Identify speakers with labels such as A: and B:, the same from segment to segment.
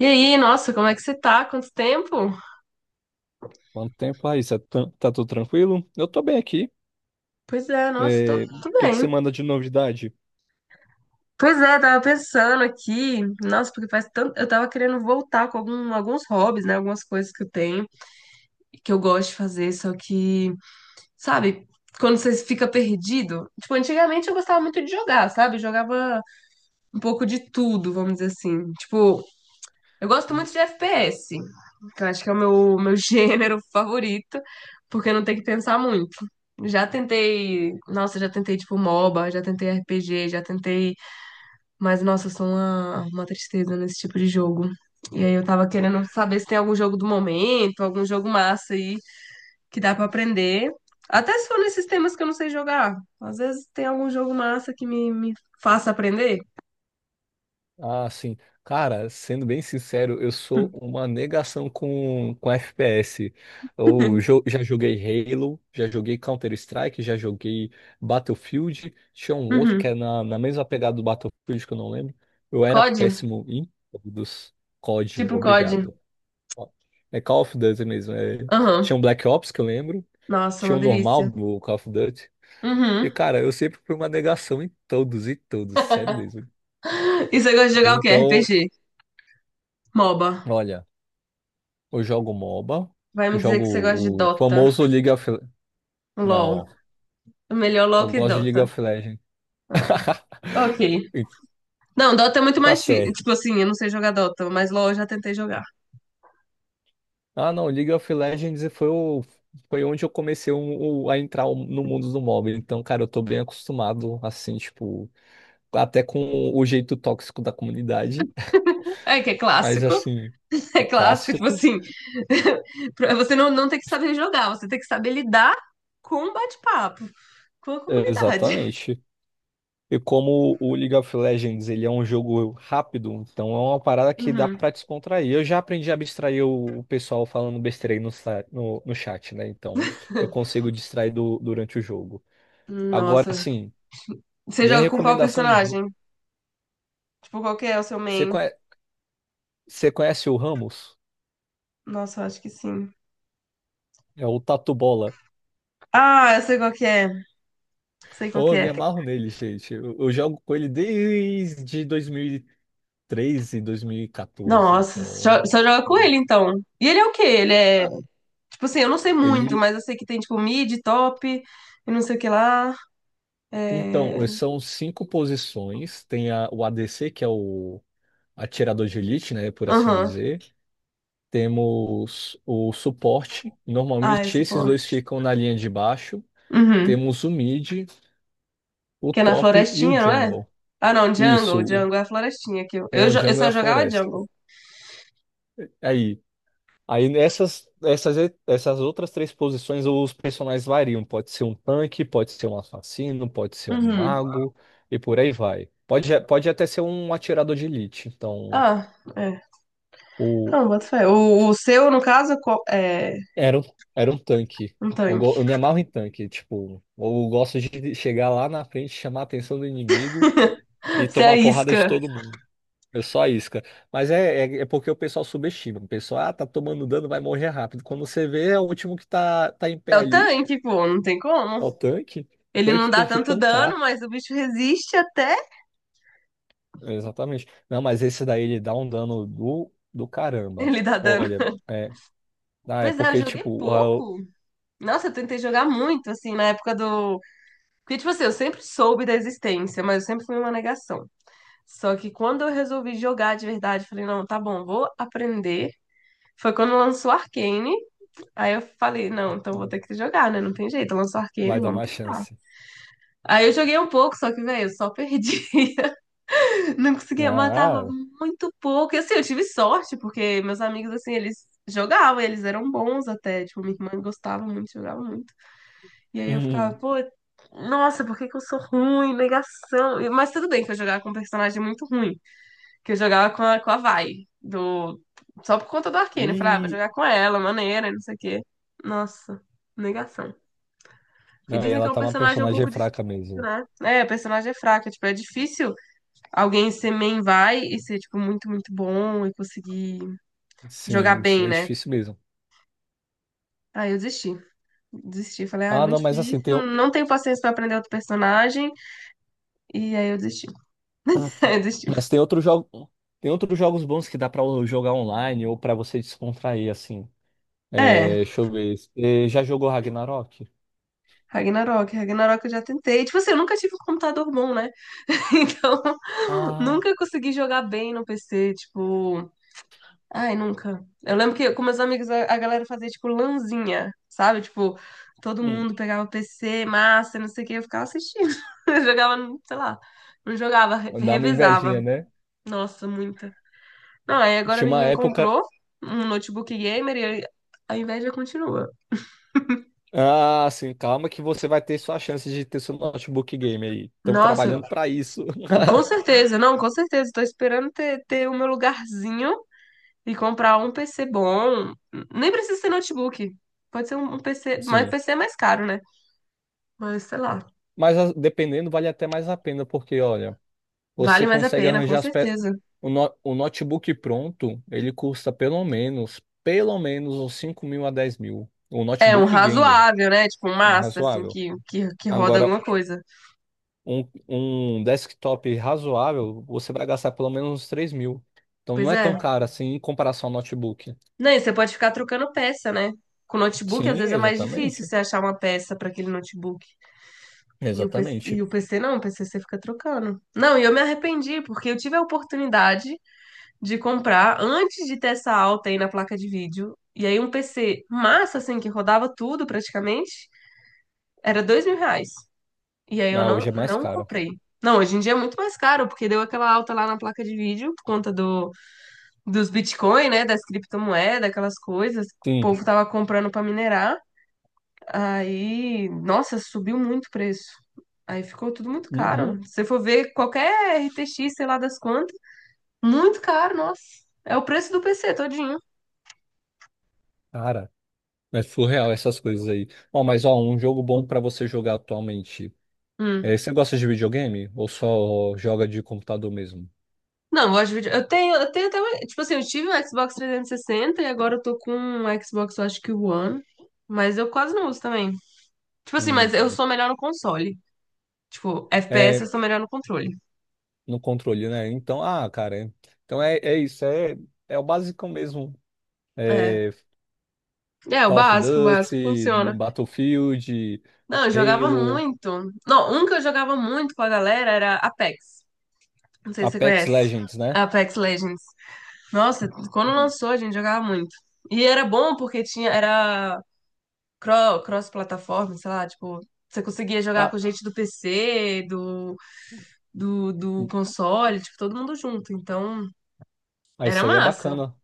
A: E aí, nossa, como é que você tá? Quanto tempo?
B: Quanto tempo aí? Cê tá, tudo tranquilo? Eu tô bem aqui.
A: Pois é, nossa, tô,
B: É, o
A: tô
B: que que você
A: bem.
B: manda de novidade?
A: Pois é, tava pensando aqui, nossa, porque faz tanto. Eu tava querendo voltar com alguns hobbies, né? Algumas coisas que eu tenho, que eu gosto de fazer, só que, sabe, quando você fica perdido. Tipo, antigamente eu gostava muito de jogar, sabe? Eu jogava um pouco de tudo, vamos dizer assim. Tipo, eu gosto muito de FPS, que eu acho que é o meu gênero favorito, porque não tem que pensar muito. Já tentei, nossa, já tentei tipo MOBA, já tentei RPG, já tentei, mas nossa, eu sou uma tristeza nesse tipo de jogo. E aí eu tava querendo saber se tem algum jogo do momento, algum jogo massa aí que dá pra aprender. Até se for nesses temas que eu não sei jogar. Às vezes tem algum jogo massa que me faça aprender.
B: Ah, sim. Cara, sendo bem sincero, eu sou uma negação com FPS. Eu jo- já joguei Halo, já joguei Counter-Strike, já joguei Battlefield. Tinha um outro que
A: Uhum.
B: é na mesma pegada do Battlefield que eu não lembro. Eu era
A: COD?
B: péssimo em todos. COD,
A: Tipo COD.
B: obrigado. Ó, é Call of Duty mesmo, é. Tinha
A: Aham.
B: um Black Ops que eu lembro.
A: Nossa, é
B: Tinha
A: uma
B: um normal
A: delícia.
B: do Call of Duty. E,
A: Uhum.
B: cara, eu sempre fui uma negação em todos e todos, sério mesmo.
A: E você gosta de
B: Aí,
A: jogar o quê?
B: então,
A: RPG? MOBA.
B: olha, eu jogo MOBA,
A: Vai me
B: eu
A: dizer que você gosta de
B: jogo o
A: Dota.
B: famoso League of...
A: LOL.
B: Não,
A: Melhor LOL
B: eu
A: que
B: gosto de League
A: Dota.
B: of Legends.
A: Ah, ok.
B: E.
A: Não, Dota é muito
B: Tá
A: mais difícil.
B: certo.
A: Tipo assim, eu não sei jogar Dota, mas LOL eu já tentei jogar.
B: Ah, não, League of Legends foi, o... foi onde eu comecei a entrar no mundo do MOBA. Então, cara, eu tô bem acostumado, assim, tipo, até com o jeito tóxico da comunidade.
A: É que é
B: Mas,
A: clássico.
B: assim,
A: É
B: é
A: clássico, tipo
B: clássico.
A: assim. Você não tem que saber jogar, você tem que saber lidar com o bate-papo, com a comunidade.
B: Exatamente. E como o League of Legends ele é um jogo rápido, então é uma parada que dá
A: Uhum.
B: pra descontrair. Eu já aprendi a abstrair o pessoal falando besteira aí no chat, né? Então eu consigo distrair durante o jogo. Agora
A: Nossa.
B: sim,
A: Você
B: minha
A: joga com qual
B: recomendação de jogo.
A: personagem? Tipo, qual que é o seu
B: Você
A: main?
B: conhe- você conhece o Ramos?
A: Nossa, eu acho que sim.
B: É o Tatu Bola.
A: Ah, eu sei qual que é. Sei qual
B: Oh,
A: que
B: eu
A: é.
B: me amarro nele, gente. Eu jogo com ele desde 2013, 2014.
A: Nossa, só
B: Então,
A: só joga com
B: hum,
A: ele então. E ele é o quê? Ele é.
B: ah,
A: Tipo assim, eu não sei muito,
B: ele.
A: mas eu sei que tem tipo mid, top, e não sei o que lá. É.
B: Então, são cinco posições. Tem o ADC, que é o atirador de elite, né, por assim
A: Aham.
B: dizer. Temos o suporte.
A: Ah, é
B: Normalmente esses dois
A: suporte.
B: ficam na linha de baixo.
A: Uhum.
B: Temos o mid, o
A: Que é na
B: top e o
A: florestinha, não é?
B: jungle.
A: Ah, não,
B: Isso,
A: jungle. Jungle é a florestinha que eu.
B: é o
A: Eu
B: jungle e
A: só
B: a
A: jogava
B: floresta.
A: jungle.
B: Aí, aí, essas outras três posições os personagens variam. Pode ser um tanque, pode ser um assassino, pode ser um
A: Uhum.
B: mago e por aí vai. Pode até ser um atirador de elite. Então,
A: Ah, é.
B: O,
A: Não, bota fé. O seu, no caso, é
B: era, um- era um tanque.
A: um
B: Eu,
A: tanque.
B: go- eu me amarro em tanque, tipo, eu gosto de chegar lá na frente, chamar a atenção do inimigo e
A: Se é a
B: tomar porrada de
A: isca.
B: todo mundo. Eu só a isca. Mas é porque o pessoal subestima. O pessoal, ah, tá tomando dano, vai morrer rápido. Quando você vê, é o último que tá em pé
A: É o
B: ali.
A: tanque, pô, não tem como.
B: É o tanque.
A: Ele não
B: Tanque
A: dá
B: tem que
A: tanto dano,
B: tancar.
A: mas o bicho resiste até
B: Exatamente. Não, mas esse daí ele dá um dano do caramba.
A: ele dar dano.
B: Olha, é
A: Pois é, eu
B: porque,
A: joguei
B: tipo,
A: pouco. Nossa, eu tentei jogar muito, assim, na época do. Porque, tipo assim, eu sempre soube da existência, mas eu sempre fui uma negação. Só que quando eu resolvi jogar de verdade, falei, não, tá bom, vou aprender. Foi quando lançou Arcane. Aí eu falei, não, então vou ter que jogar, né? Não tem jeito. Lançou Arcane,
B: vai dar
A: vamos
B: uma
A: tentar.
B: chance.
A: Aí eu joguei um pouco, só que, velho, eu só perdi. Não conseguia, matava
B: Ah,
A: muito pouco. E assim, eu tive sorte, porque meus amigos, assim, eles jogavam, eles eram bons até. Tipo, minha irmã gostava muito, jogava muito. E aí eu ficava, pô, nossa, por que que eu sou ruim? Negação. Mas tudo bem que eu jogava com um personagem muito ruim, que eu jogava com a Vai, do... só por conta do Arcane. Eu falava, ah, vou
B: e.
A: jogar com ela, maneira, e não sei o quê. Nossa, negação. Porque
B: Não, e
A: dizem que é
B: ela
A: um
B: tá uma
A: personagem um
B: personagem
A: pouco difícil,
B: fraca mesmo.
A: né? É, o personagem é fraco, é, tipo, é difícil alguém ser main vai e ser, tipo, muito, muito bom e conseguir jogar
B: Sim, sim,
A: bem,
B: é
A: né?
B: difícil mesmo.
A: Aí eu desisti. Desisti. Falei, ah, é
B: Ah, não,
A: muito
B: mas assim,
A: difícil. Não tenho paciência pra aprender outro personagem. E aí eu desisti. Aí eu desisti.
B: mas tem outro jogo, tem outros jogos bons que dá pra jogar online ou pra você descontrair, assim. É,
A: É,
B: deixa eu ver. Você já jogou Ragnarok?
A: Ragnarok. Ragnarok eu já tentei. Tipo assim, eu nunca tive um computador bom, né? Então,
B: Ah,
A: nunca consegui jogar bem no PC. Tipo, ai, nunca. Eu lembro que com meus amigos a galera fazia tipo lanzinha, sabe? Tipo, todo
B: hum.
A: mundo pegava o PC, massa, não sei o que, eu ficava assistindo. Eu jogava, sei lá, não jogava,
B: Dá uma
A: revezava.
B: invejinha, né?
A: Nossa, muita. Não, aí agora
B: Tinha
A: minha
B: uma
A: irmã
B: época.
A: comprou um notebook gamer e aí a inveja continua.
B: Ah, sim, calma que você vai ter sua chance de ter seu notebook game aí. Estamos
A: Nossa,
B: trabalhando pra isso.
A: com certeza, não, com certeza. Tô esperando ter o meu lugarzinho e comprar um PC bom. Nem precisa ser notebook. Pode ser um PC, mas
B: Sim.
A: PC é mais caro, né? Mas sei lá.
B: Mas dependendo, vale até mais a pena, porque, olha. Você
A: Vale mais a
B: consegue
A: pena, com
B: arranjar as pe...
A: certeza.
B: o, no- o notebook pronto, ele custa pelo menos uns 5 mil a 10 mil. Um
A: É um
B: notebook gamer,
A: razoável, né? Tipo, um
B: um
A: massa, assim,
B: razoável.
A: que roda
B: Agora,
A: alguma coisa.
B: um desktop razoável, você vai gastar pelo menos uns 3 mil. Então não
A: Pois
B: é tão
A: é.
B: caro assim em comparação ao notebook.
A: Não, e você pode ficar trocando peça, né? Com notebook, às
B: Sim,
A: vezes é mais difícil
B: exatamente.
A: você achar uma peça para aquele notebook. E
B: Exatamente.
A: o PC não, o PC você fica trocando. Não, e eu me arrependi, porque eu tive a oportunidade de comprar antes de ter essa alta aí na placa de vídeo. E aí um PC massa, assim, que rodava tudo praticamente, era R$ 2.000. E aí eu
B: Ah, hoje é mais
A: não
B: caro.
A: comprei. Não, hoje em dia é muito mais caro, porque deu aquela alta lá na placa de vídeo por conta dos Bitcoin, né? Das criptomoedas, aquelas coisas. O
B: Sim.
A: povo tava comprando pra minerar. Aí, nossa, subiu muito o preço. Aí ficou tudo muito
B: Uhum.
A: caro. Se você for ver qualquer RTX, sei lá das quantas, muito caro, nossa. É o preço do PC todinho.
B: Cara, é surreal essas coisas aí. Ó, mas ó, um jogo bom pra você jogar atualmente. É,
A: Hum.
B: você gosta de videogame ou só joga de computador mesmo?
A: Não, eu gosto de vídeo. Eu tenho até. Uma- Tipo assim, eu tive um Xbox 360 e agora eu tô com um Xbox, eu acho que o One. Mas eu quase não uso também. Tipo assim, mas
B: Hum,
A: eu
B: hum.
A: sou melhor no console. Tipo, FPS
B: É
A: eu sou melhor no controle.
B: no controle, né? Então, ah, cara, então é isso, é o básico mesmo.
A: É.
B: É,
A: É,
B: Call of
A: o básico
B: Duty,
A: funciona.
B: Battlefield,
A: Não, eu jogava
B: Halo,
A: muito. Não, um que eu jogava muito com a galera era Apex. Não sei se você
B: Apex
A: conhece.
B: Legends, né?
A: Apex Legends. Nossa, quando
B: Hum.
A: lançou, a gente jogava muito. E era bom porque tinha, era cross-plataforma, sei lá, tipo, você conseguia jogar com
B: Ah,
A: gente do PC, do console, tipo, todo mundo junto. Então,
B: ah,
A: era
B: isso aí é
A: massa.
B: bacana.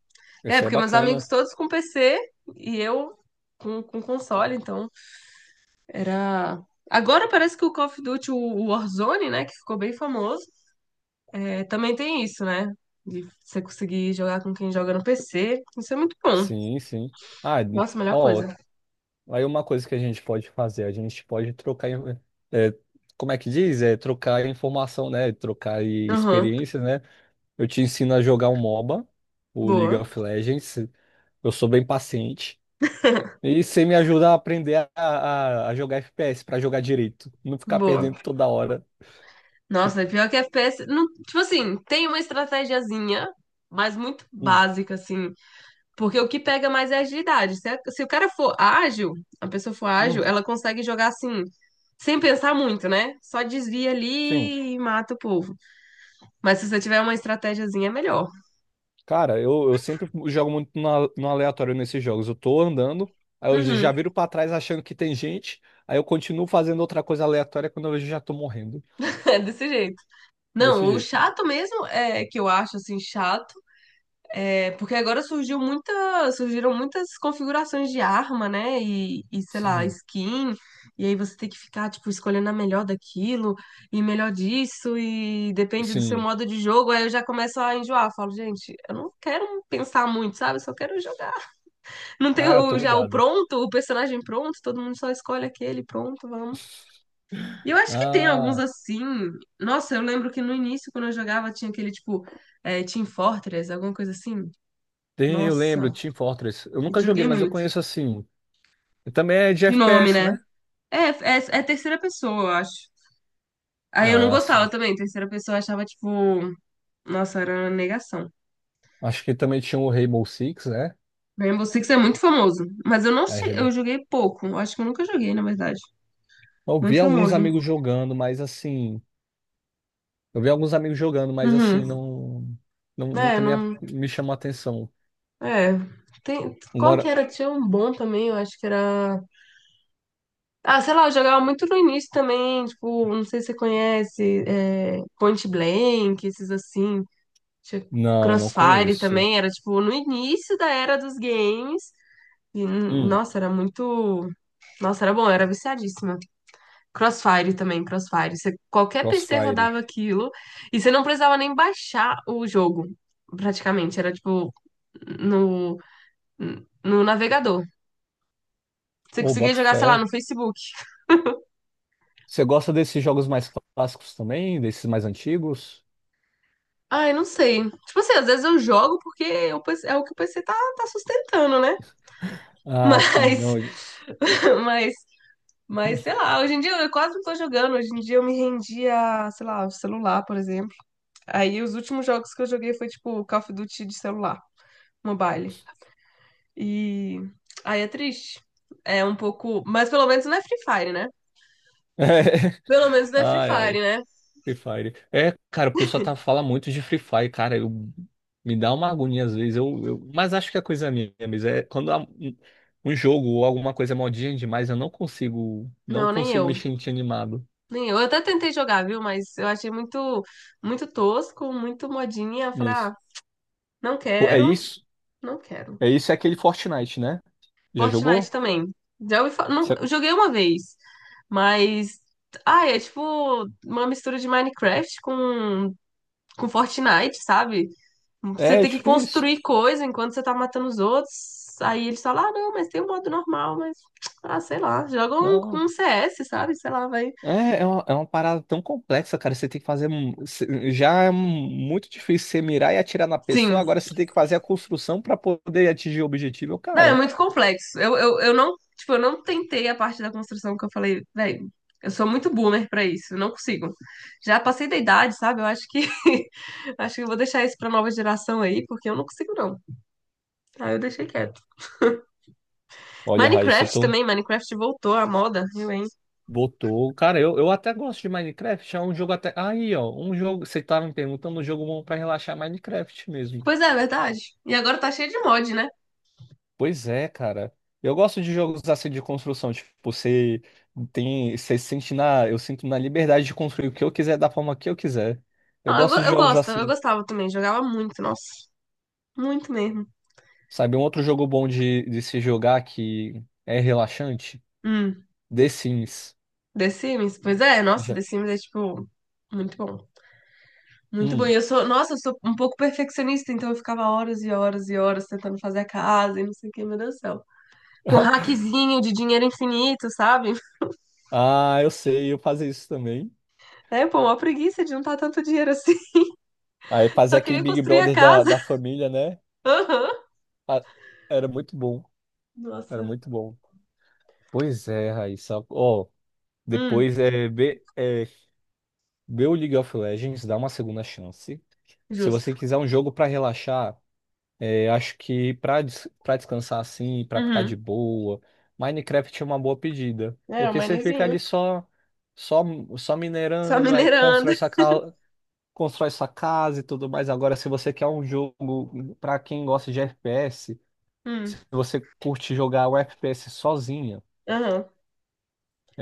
A: É,
B: Isso aí é
A: porque meus amigos
B: bacana.
A: todos com PC e eu com console, então era. Agora parece que o Call of Duty, o Warzone, né, que ficou bem famoso, é, também tem isso, né? De você conseguir jogar com quem joga no PC. Isso é muito bom.
B: Sim, sim. Ah,
A: Nossa, melhor
B: ó,
A: coisa.
B: aí uma coisa que a gente pode fazer, a gente pode trocar, é, como é que diz? É trocar informação, né? Trocar e
A: Aham,
B: experiências, né? Eu te ensino a jogar um MOBA, o League
A: boa,
B: of Legends. Eu sou bem paciente. E você me ajuda a aprender a jogar FPS para jogar direito, não ficar
A: boa.
B: perdendo toda hora. Que...
A: Nossa, é pior que FPS. Não, tipo assim, tem uma estratégiazinha, mas muito
B: Hum.
A: básica, assim. Porque o que pega mais é a agilidade. Se, se o cara for ágil, a pessoa for ágil,
B: Uhum.
A: ela consegue jogar assim, sem pensar muito, né? Só desvia
B: Sim.
A: ali e mata o povo. Mas se você tiver uma estratégiazinha, é melhor.
B: Cara, eu sempre jogo muito no aleatório nesses jogos. Eu tô andando, aí eu
A: Uhum,
B: já viro pra trás achando que tem gente, aí eu continuo fazendo outra coisa aleatória quando eu vejo já tô morrendo.
A: é desse jeito. Não,
B: Desse
A: o
B: jeito.
A: chato mesmo é que eu acho assim chato. É, porque agora surgiu muita, surgiram muitas configurações de arma, né? E, sei lá,
B: Sim,
A: skin. E aí você tem que ficar, tipo, escolhendo a melhor daquilo e melhor disso. E depende do seu
B: sim.
A: modo de jogo. Aí eu já começo a enjoar. Falo, gente, eu não quero pensar muito, sabe? Eu só quero jogar. Não tem
B: Ah, tô
A: já o
B: ligado.
A: pronto, o personagem pronto. Todo mundo só escolhe aquele, pronto, vamos. E eu acho que tem alguns
B: Ah,
A: assim. Nossa, eu lembro que no início, quando eu jogava, tinha aquele, tipo, Team Fortress, alguma coisa assim.
B: tem, eu lembro,
A: Nossa.
B: Team Fortress. Eu nunca joguei,
A: Joguei
B: mas eu
A: muito.
B: conheço assim. Também é de
A: De nome,
B: FPS,
A: né?
B: né?
A: É terceira pessoa, eu acho. Aí eu não
B: Ah,
A: gostava
B: sim.
A: também. Terceira pessoa eu achava, tipo, nossa, era uma negação.
B: Acho que também tinha o Rainbow Six, né?
A: Rainbow Six é muito famoso. Mas eu não
B: É,
A: sei, eu
B: Rainbow.
A: joguei pouco. Eu acho que eu nunca joguei, na verdade.
B: Eu
A: Muito
B: vi alguns
A: famoso.
B: amigos jogando, mas assim. Eu vi alguns amigos jogando, mas assim,
A: Uhum.
B: não, não
A: É,
B: nunca me, a-
A: não.
B: me chamou a atenção.
A: É. Tem... Qual que
B: Agora,
A: era? Tinha um bom também, eu acho que era. Ah, sei lá, eu jogava muito no início também, tipo, não sei se você conhece, é, Point Blank, esses assim, tinha
B: não, não
A: Crossfire
B: conheço.
A: também, era tipo no início da era dos games. E,
B: Hum,
A: nossa, era muito. Nossa, era bom, eu era viciadíssima. Crossfire também, Crossfire. Qualquer PC
B: Crossfire.
A: rodava aquilo e você não precisava nem baixar o jogo, praticamente. Era tipo no, no navegador. Você
B: Ô,
A: conseguia
B: boto
A: jogar, sei lá,
B: fé.
A: no Facebook.
B: Você gosta desses jogos mais clássicos também? Desses mais antigos?
A: Ah, eu não sei. Tipo assim, às vezes eu jogo porque o PC é o que o PC tá sustentando, né?
B: Ah,
A: Mas,
B: não.
A: mas sei lá, hoje em dia eu quase não tô jogando. Hoje em dia eu me rendi a, sei lá, o celular, por exemplo. Aí os últimos jogos que eu joguei foi tipo Call of Duty de celular, mobile. E aí é triste. É um pouco. Mas pelo menos não é Free Fire, né? Pelo menos não é Free
B: Ai, ai.
A: Fire, né?
B: Free Fire. É, cara, o pessoal fala muito de Free Fire, cara. Me dá uma agonia às vezes. Mas acho que é coisa é minha, mas é quando há um jogo ou alguma coisa é modinha demais, eu não consigo, não
A: Não, nem
B: consigo me
A: eu.
B: sentir animado.
A: Nem eu. Eu até tentei jogar, viu? Mas eu achei muito, muito tosco, muito modinha. Eu falei,
B: Isso.
A: ah, não
B: Pô, é
A: quero,
B: isso?
A: não quero.
B: É isso, é aquele Fortnite, né? Já
A: Fortnite
B: jogou?
A: também. Não,
B: Cê-
A: eu joguei uma vez, mas. Ah, é tipo uma mistura de Minecraft com Fortnite, sabe? Você
B: É,
A: tem que
B: tipo isso.
A: construir coisa enquanto você tá matando os outros. Aí eles falam, ah, não, mas tem um modo normal, mas. Ah, sei lá. Joga um,
B: Não.
A: um CS, sabe? Sei lá, vai.
B: É, é uma parada tão complexa, cara. Você tem que fazer. Já é muito difícil você mirar e atirar na pessoa.
A: Sim,
B: Agora você tem que fazer a construção pra poder atingir o objetivo,
A: não, é
B: cara.
A: muito complexo. Eu não, tipo, eu não tentei a parte da construção que eu falei, velho, eu sou muito boomer pra isso, eu não consigo. Já passei da idade, sabe? Eu acho que acho que eu vou deixar isso pra nova geração aí, porque eu não consigo não. Aí eu deixei quieto.
B: Olha, Raíssa,
A: Minecraft
B: tu
A: também, Minecraft voltou à moda, viu, hein?
B: botou. Cara, eu até gosto de Minecraft. É um jogo até. Aí, ó. Um jogo. Você tava me perguntando um jogo bom pra relaxar Minecraft mesmo.
A: Pois é, é verdade. E agora tá cheio de mod, né?
B: Pois é, cara. Eu gosto de jogos assim de construção, tipo, eu sinto na liberdade de construir o que eu quiser da forma que eu quiser. Eu gosto de
A: Eu
B: jogos
A: gosto, eu
B: assim,
A: gostava também, jogava muito, nossa, muito mesmo.
B: sabe? Um outro jogo bom de se jogar que é relaxante,
A: Hum,
B: The Sims.
A: The Sims? Pois é, nossa,
B: Já.
A: The Sims é tipo muito bom. Muito bom.
B: Hum.
A: E eu sou, nossa, eu sou um pouco perfeccionista, então eu ficava horas e horas e horas tentando fazer a casa e não sei o que, meu Deus do céu. Com um hackzinho de dinheiro infinito, sabe?
B: Ah, eu sei, eu fazia isso também.
A: É, pô, uma preguiça de juntar tanto dinheiro assim.
B: Aí fazer
A: Só
B: aquele
A: queria
B: Big
A: construir a
B: Brother da,
A: casa.
B: da família, né?
A: Aham.
B: Ah, era muito bom, era
A: Nossa.
B: muito bom. Pois é, Raíssa. Ó,
A: Hum,
B: depois é. Vê o League of Legends, dá uma segunda chance. Se
A: justo.
B: você quiser um jogo pra relaxar, é, acho que pra des para descansar assim, pra ficar de
A: Uhum.
B: boa, Minecraft é uma boa pedida,
A: É, o
B: porque você fica
A: manizinho.
B: ali só só
A: Só
B: minerando, aí
A: minerando.
B: constrói sua casa e tudo mais. Agora, se você quer um jogo pra quem gosta de FPS, se
A: Hum,
B: você curte jogar o FPS sozinha,
A: aham.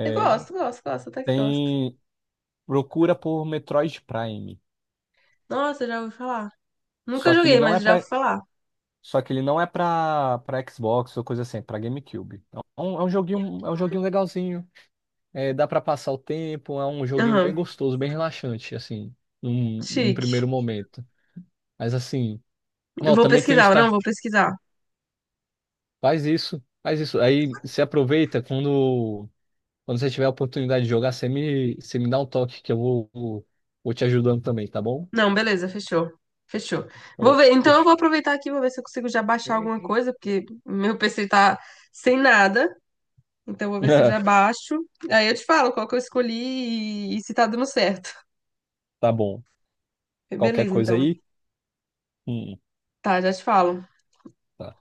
A: Eu gosto, gosto, gosto, até que gosto.
B: tem procura por Metroid Prime.
A: Nossa, já ouvi falar. Nunca
B: Só que ele
A: joguei,
B: não é
A: mas já ouvi
B: pra
A: falar.
B: Só que ele não é pra Xbox ou coisa assim, é pra GameCube. É um é um joguinho legalzinho. É, dá pra passar o tempo, é um joguinho bem
A: Aham.
B: gostoso, bem relaxante, assim, num
A: Chique.
B: primeiro momento. Mas assim,
A: Eu
B: ó,
A: vou
B: também tem o
A: pesquisar, não,
B: Star.
A: vou pesquisar.
B: Faz isso, faz isso. Aí você aproveita quando, você tiver a oportunidade de jogar, você me dá um toque que eu vou te ajudando também, tá bom?
A: Não, beleza, fechou. Fechou. Vou
B: Eu-
A: ver. Então eu
B: deixa-
A: vou aproveitar aqui, vou ver se eu consigo já baixar alguma coisa, porque meu PC tá sem nada. Então eu vou ver se eu já baixo. Aí eu te falo qual que eu escolhi e se tá dando certo.
B: Tá bom. Qualquer
A: Beleza,
B: coisa
A: então.
B: aí? Hum,
A: Tá, já te falo.
B: tá.